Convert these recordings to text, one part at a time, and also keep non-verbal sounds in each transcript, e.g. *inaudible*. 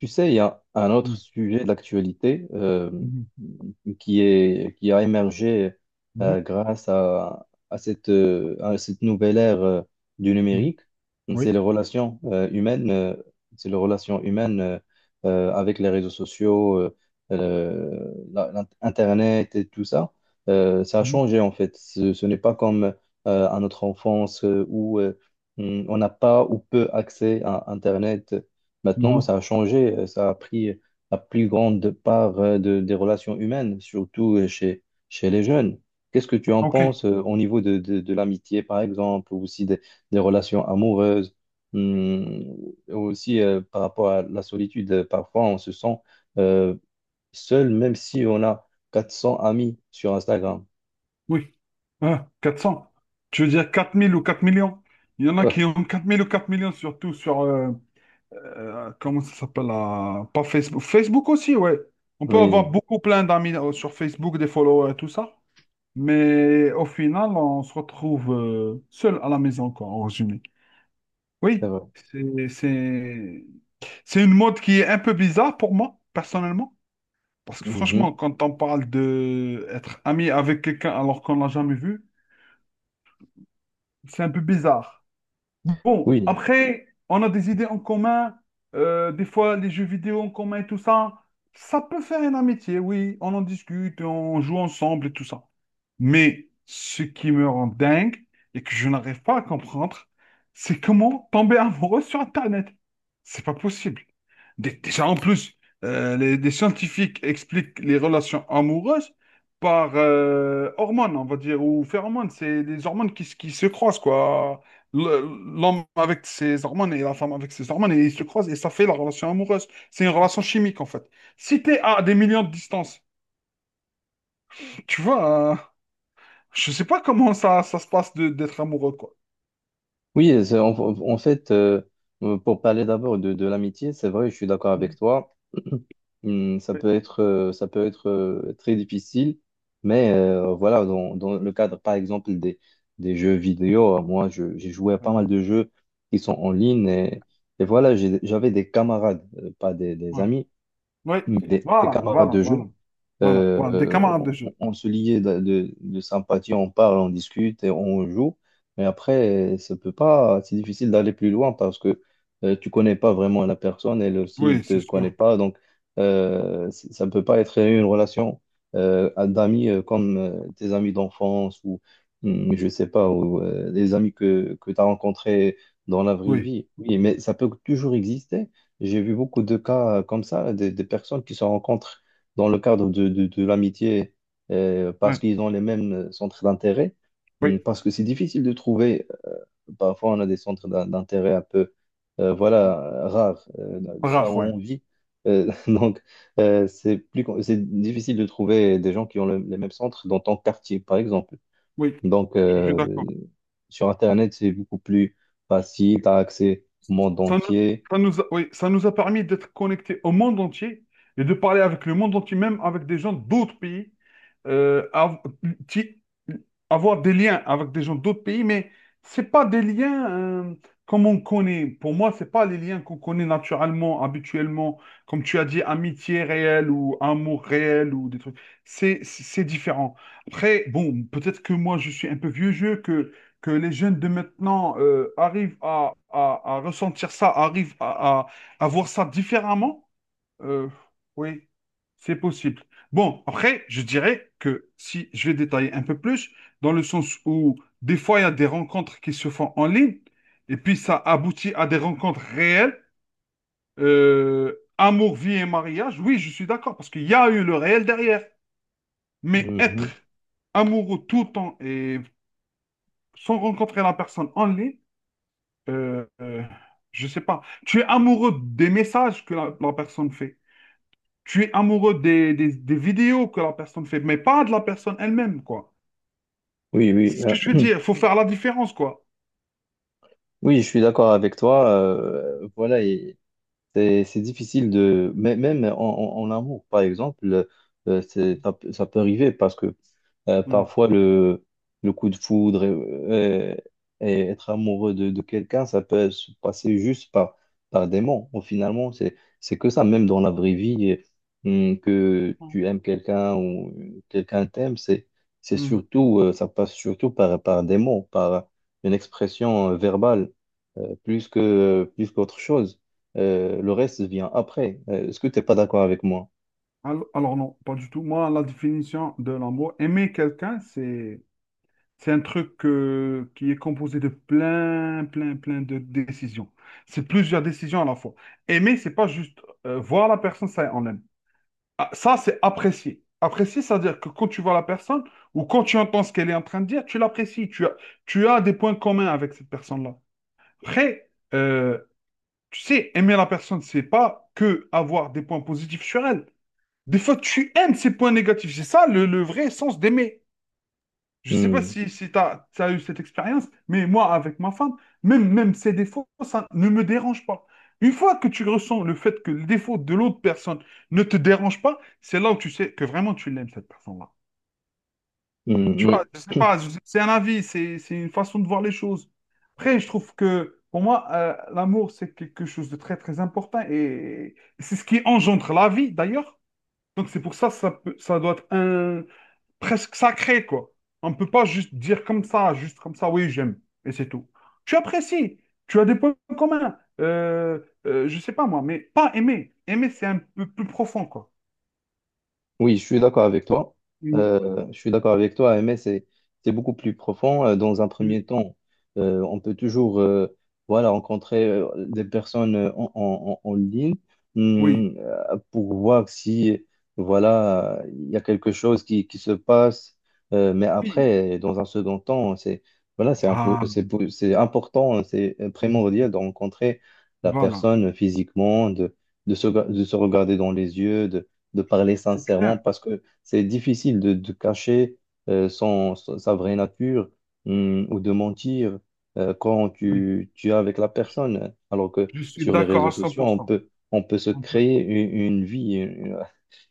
Tu sais, il y a un autre Mhm, sujet d'actualité mhm, qui a émergé mhm, grâce à cette nouvelle ère du mhm. numérique. C'est Oui. les relations humaines, c'est les relations humaines euh, avec les réseaux sociaux, Internet et tout ça. Ça a Mhm, changé en fait. Ce n'est pas comme à notre enfance où on n'a pas ou peu accès à Internet. Maintenant, mhm. ça a changé, ça a pris la plus grande part des relations humaines, surtout chez les jeunes. Qu'est-ce que tu en Ok, penses au niveau de l'amitié, par exemple, ou aussi des relations amoureuses, hum, aussi par rapport à la solitude, parfois on se sent euh, seul, même si on a 400 amis sur Instagram. oui. Ah, 400. Tu veux dire 4 000 ou 4 000 000? Il y en a qui ont 4 000 ou 4 millions, surtout sur, comment ça s'appelle, pas Facebook. Facebook aussi, ouais. On *laughs* peut avoir Oui, beaucoup plein d'amis sur Facebook, des followers et tout ça. Mais au final, on se retrouve seul à la maison, quoi, en résumé. c'est Oui, vrai. C'est une mode qui est un peu bizarre pour moi, personnellement. Parce que Mhm. franchement, quand on parle de être ami avec quelqu'un alors qu'on l'a jamais vu, c'est un peu bizarre. Bon, Oui. après, on a des idées en commun, des fois les jeux vidéo en commun et tout ça. Ça peut faire une amitié, oui. On en discute, on joue ensemble et tout ça. Mais ce qui me rend dingue et que je n'arrive pas à comprendre, c'est comment tomber amoureux sur Internet. C'est pas possible. Déjà, en plus, des scientifiques expliquent les relations amoureuses par hormones, on va dire, ou phéromones. C'est des hormones qui se croisent, quoi. L'homme avec ses hormones et la femme avec ses hormones, et ils se croisent et ça fait la relation amoureuse. C'est une relation chimique en fait. Si t'es à des millions de distance, tu vois, je sais pas comment ça se passe d'être amoureux quoi. Oui, c'est- en, en fait, euh, pour parler d'abord de l'amitié, c'est vrai, je suis d'accord avec Mhm. toi. *clears throat* Ça Oui, peut être, euh, ça peut être euh, très difficile, mais voilà, dans le cadre, par exemple, des jeux vidéo, moi, j'ai joué à ouais, pas mal de jeux qui sont en ligne et voilà, j'avais des camarades, euh, pas des ouais. amis, Oui. mais des Voilà, camarades voilà, de voilà, jeu, voilà, euh, voilà, des camarades de jeu. on se liait de sympathie, on parle, on discute et on joue. Mais après, ça peut pas, c'est difficile d'aller plus loin parce que tu connais pas vraiment la personne, elle aussi, elle Oui, te c'est connaît sûr. pas. Donc, ça ne peut pas être une relation d'amis comme tes amis d'enfance ou, je sais pas, ou les amis que tu as rencontrés dans la vraie Oui, vie. Oui, mais ça peut toujours exister. J'ai vu beaucoup de cas comme ça, des personnes qui se rencontrent dans le cadre de l'amitié parce oui, qu'ils ont les mêmes centres d'intérêt. oui, Parce que c'est difficile de trouver, parfois on a des centres d'intérêt un peu, voilà, rares, là où rare, ouais. on vit. *laughs* Donc, c'est difficile de trouver des gens qui ont les mêmes centres dans ton quartier, par exemple. Oui, Donc, je suis d'accord. sur Internet, c'est beaucoup plus facile, tu as accès au monde Ça nous, entier. Oui, ça nous a permis d'être connectés au monde entier et de parler avec le monde entier, même avec des gens d'autres pays, euh, av- qui- avoir des liens avec des gens d'autres pays, mais c'est pas des liens euh, comme on connaît. Pour moi, c'est pas les liens qu'on connaît naturellement, habituellement, comme tu as dit, amitié réelle ou amour réel ou des trucs. C'est différent. Après, bon, peut-être que moi, je suis un peu vieux jeu, que les jeunes de maintenant arrivent à, à ressentir ça, arrivent à, à voir ça différemment, euh, oui, c'est possible. Bon, après, je dirais que si je vais détailler un peu plus, dans le sens où des fois, il y a des rencontres qui se font en ligne, et puis ça aboutit à des rencontres réelles, amour, vie et mariage, oui, je suis d'accord, parce qu'il y a eu le réel derrière, mais être Hmm. amoureux tout le temps et sans rencontrer la personne en ligne, Euh, euh, je sais pas. Tu es amoureux des messages que la personne fait. Tu es amoureux des vidéos que la personne fait, mais pas de la personne elle-même, quoi. Oui, C'est oui, ce que euh, je veux *clears throat* dire. Il faut faire la différence, quoi. oui, je suis d'accord avec toi. Voilà, c'est difficile de. Même en amour, par exemple, ça peut arriver parce que Hmm. parfois le coup de foudre et être amoureux de quelqu'un, ça peut se passer juste par, par des mots. Bon, finalement, c'est que ça, même dans la vraie vie, et, que Non. tu aimes quelqu'un ou quelqu'un t'aime, c'est Hmm. surtout, ça passe surtout par, par des mots, par une expression verbale, euh, plus qu'autre chose. Le reste vient après. Est-ce que tu n'es pas d'accord avec moi? Alors non, pas du tout. Moi, la définition de l'amour, aimer quelqu'un, c'est un truc qui est composé de plein, plein, plein de décisions. C'est plusieurs décisions à la fois. Aimer, c'est pas juste voir la personne, ça, on l'aime. Ah, ça, c'est apprécier. Apprécier, c'est-à-dire que quand tu vois la personne ou quand tu entends ce qu'elle est en train de dire, tu l'apprécies. Tu as des points communs avec cette personne-là. Après, euh, tu sais, aimer la personne, c'est pas que avoir des points positifs sur elle. Des fois, tu aimes ses points négatifs. C'est ça le vrai sens d'aimer. Je sais pas Hmm, si tu as, eu cette expérience, mais moi, avec ma femme, même ses défauts, ça ne me dérange pas. Une fois que tu ressens le fait que le défaut de l'autre personne ne te dérange pas, c'est là où tu sais que vraiment tu l'aimes, cette personne-là. hmm, Tu vois, oui. je sais pas, c'est un avis, c'est une façon de voir les choses. Après, je trouve que pour moi, l'amour, c'est quelque chose de très, très important et c'est ce qui engendre la vie, d'ailleurs. Donc, c'est pour ça, ça doit être un, presque sacré, quoi. On ne peut pas juste dire comme ça, juste comme ça, oui, j'aime, et c'est tout. Tu apprécies, tu as des points communs, je sais pas moi, mais pas aimer. Aimer, c'est un peu plus profond, quoi. Oui, je suis d'accord avec toi. Mm, Je suis d'accord avec toi, mais c'est beaucoup plus profond. Dans un mm, premier temps, on peut toujours voilà, rencontrer des personnes en ligne, oui, pour voir si voilà, il y a quelque chose qui se passe. Mais oui. après, dans un second temps, c'est voilà, Ah, c'est important, c'est mm, primordial de rencontrer la voilà, personne physiquement, de se regarder dans les yeux, de parler c'est sincèrement clair. parce que c'est difficile de cacher euh, sa vraie nature, ou de mentir quand Oui, tu es avec la personne. Alors que je suis sur les d'accord réseaux à cent sociaux, pour cent on peut se On peut. créer une vie, une,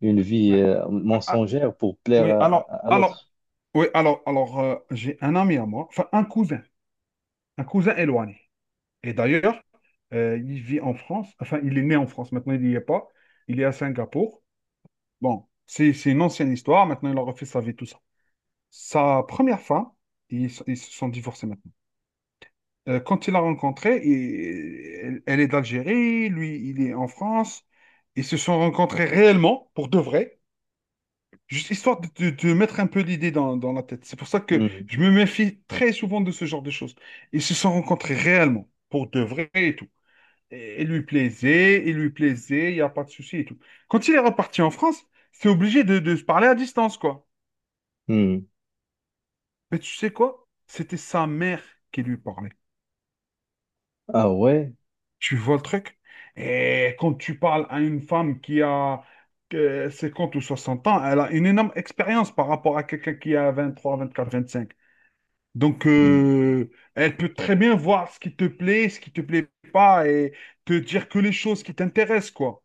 une vie Ouais. Ah, ah, mensongère pour plaire oui, à l'autre. oui, j'ai un ami à moi, enfin un cousin éloigné. Et d'ailleurs, il vit en France, enfin, il est né en France, maintenant il n'y est pas, il est à Singapour. Bon, c'est une ancienne histoire, maintenant il a refait sa vie, tout ça. Sa première femme, ils se sont divorcés maintenant. Quand il l'a rencontrée, elle est d'Algérie, lui, il est en France. Ils se sont rencontrés réellement, pour de vrai, juste histoire de mettre un peu l'idée dans la tête. C'est pour ça que Hum, je me méfie très souvent de ce genre de choses. Ils se sont rencontrés réellement, pour de vrai et tout. Et il lui plaisait, il lui plaisait, il n'y a pas de souci et tout. Quand il est reparti en France, c'est obligé de se parler à distance, quoi. hum. Mais tu sais quoi? C'était sa mère qui lui parlait. Ah ouais? Tu vois le truc? Et quand tu parles à une femme qui a 50 ou 60 ans, elle a une énorme expérience par rapport à quelqu'un qui a 23, 24, 25. Donc, Hum, euh, elle peut très bien voir ce qui te plaît, ce qui te plaît pas et te dire que les choses qui t'intéressent, quoi.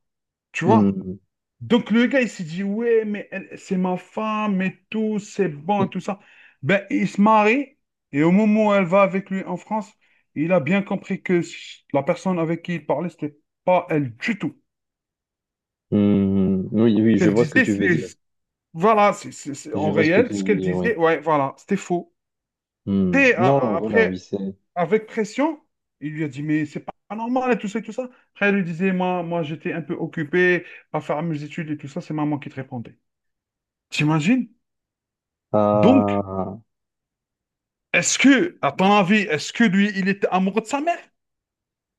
Tu vois? hum. Donc le gars, il s'est dit, ouais, mais c'est ma femme et tout, c'est bon et tout ça. Ben, il se marie et au moment où elle va avec lui en France, il a bien compris que la personne avec qui il parlait, c'était pas elle du tout. Hmm, oui, oui, je Qu'elle vois ce que disait, tu veux c'est, dire. voilà, c'est Je en vois ce que tu réel, ce veux qu'elle dire, oui. disait, ouais, voilà, c'était faux. Hmm. Et Non, non, voilà, oui, après, c'est... avec pression, il lui a dit, mais c'est pas normal et tout ça et tout ça. Après, elle lui disait, moi, j'étais un peu occupé à faire mes études et tout ça, c'est maman qui te répondait. T'imagines? Donc, Ah, est-ce que, à ton avis, est-ce que lui, il était amoureux de sa mère?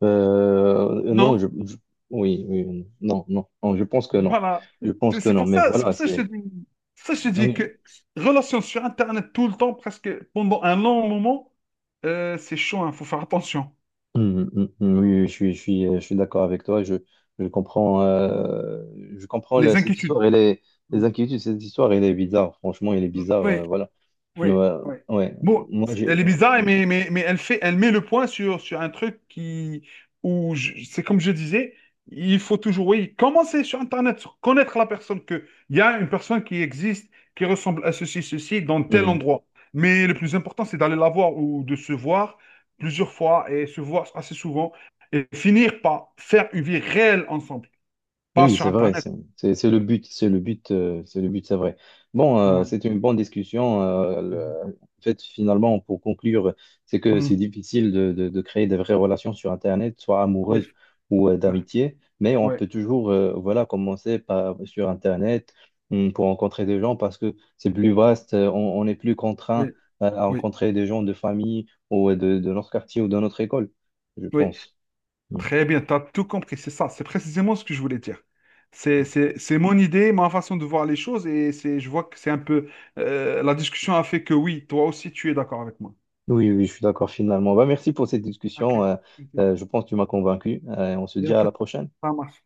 euh, non, Non. Oui, oui, non, non, non, je pense que non. Voilà. Je pense C'est que c'est non, pour mais ça, c'est voilà, pour ça que je te c'est. dis, c'est pour ça que je te dis Oui. que relation sur Internet tout le temps, presque pendant un long moment, c'est chaud, il faut faire attention. Mm, mm, mm, oui, oui, je suis d'accord avec toi. Je comprends, Les cette inquiétudes. histoire. Elle est, Mm. les inquiétudes, cette histoire, elle est bizarre. Franchement, elle est Mm. bizarre. Oui. Voilà. Oui, Ouais, oui. ouais. Bon, Moi, j'ai. elle est bizarre, mais elle met le point sur un truc qui, où c'est comme je disais, il faut toujours, oui, commencer sur Internet, sur connaître la personne que, il y a une personne qui existe, qui ressemble à ceci, ceci, dans tel Ouais. endroit. Mais le plus important, c'est d'aller la voir ou de se voir plusieurs fois et se voir assez souvent et finir par faire une vie réelle ensemble, pas Oui, sur c'est vrai, Internet. C'est le but, c'est le but, c'est le but, c'est vrai. Bon, Voilà. c'est une bonne discussion. Finalement, pour conclure, c'est que c'est Mhm. difficile de créer des vraies relations sur Internet, soit Oui. amoureuses ou Ouais. d'amitié, mais on Ouais. peut toujours, voilà, commencer sur Internet, pour rencontrer des gens parce que c'est plus vaste, on est plus contraint Oui. À Oui. rencontrer des gens de famille ou de notre quartier ou de notre école, je Oui. pense. Hum. Très bien, tu as tout compris, c'est ça, c'est précisément ce que je voulais dire. C'est mon idée, ma façon de voir les choses, et c'est, je vois que c'est un peu. La discussion a fait que oui, toi aussi, tu es d'accord avec moi. Oui, oui, je suis d'accord finalement. Bah, merci pour cette Ok, discussion. Ok. Je pense que tu m'as convaincu. On se Il y a dit un à la peu. prochaine. Ça marche.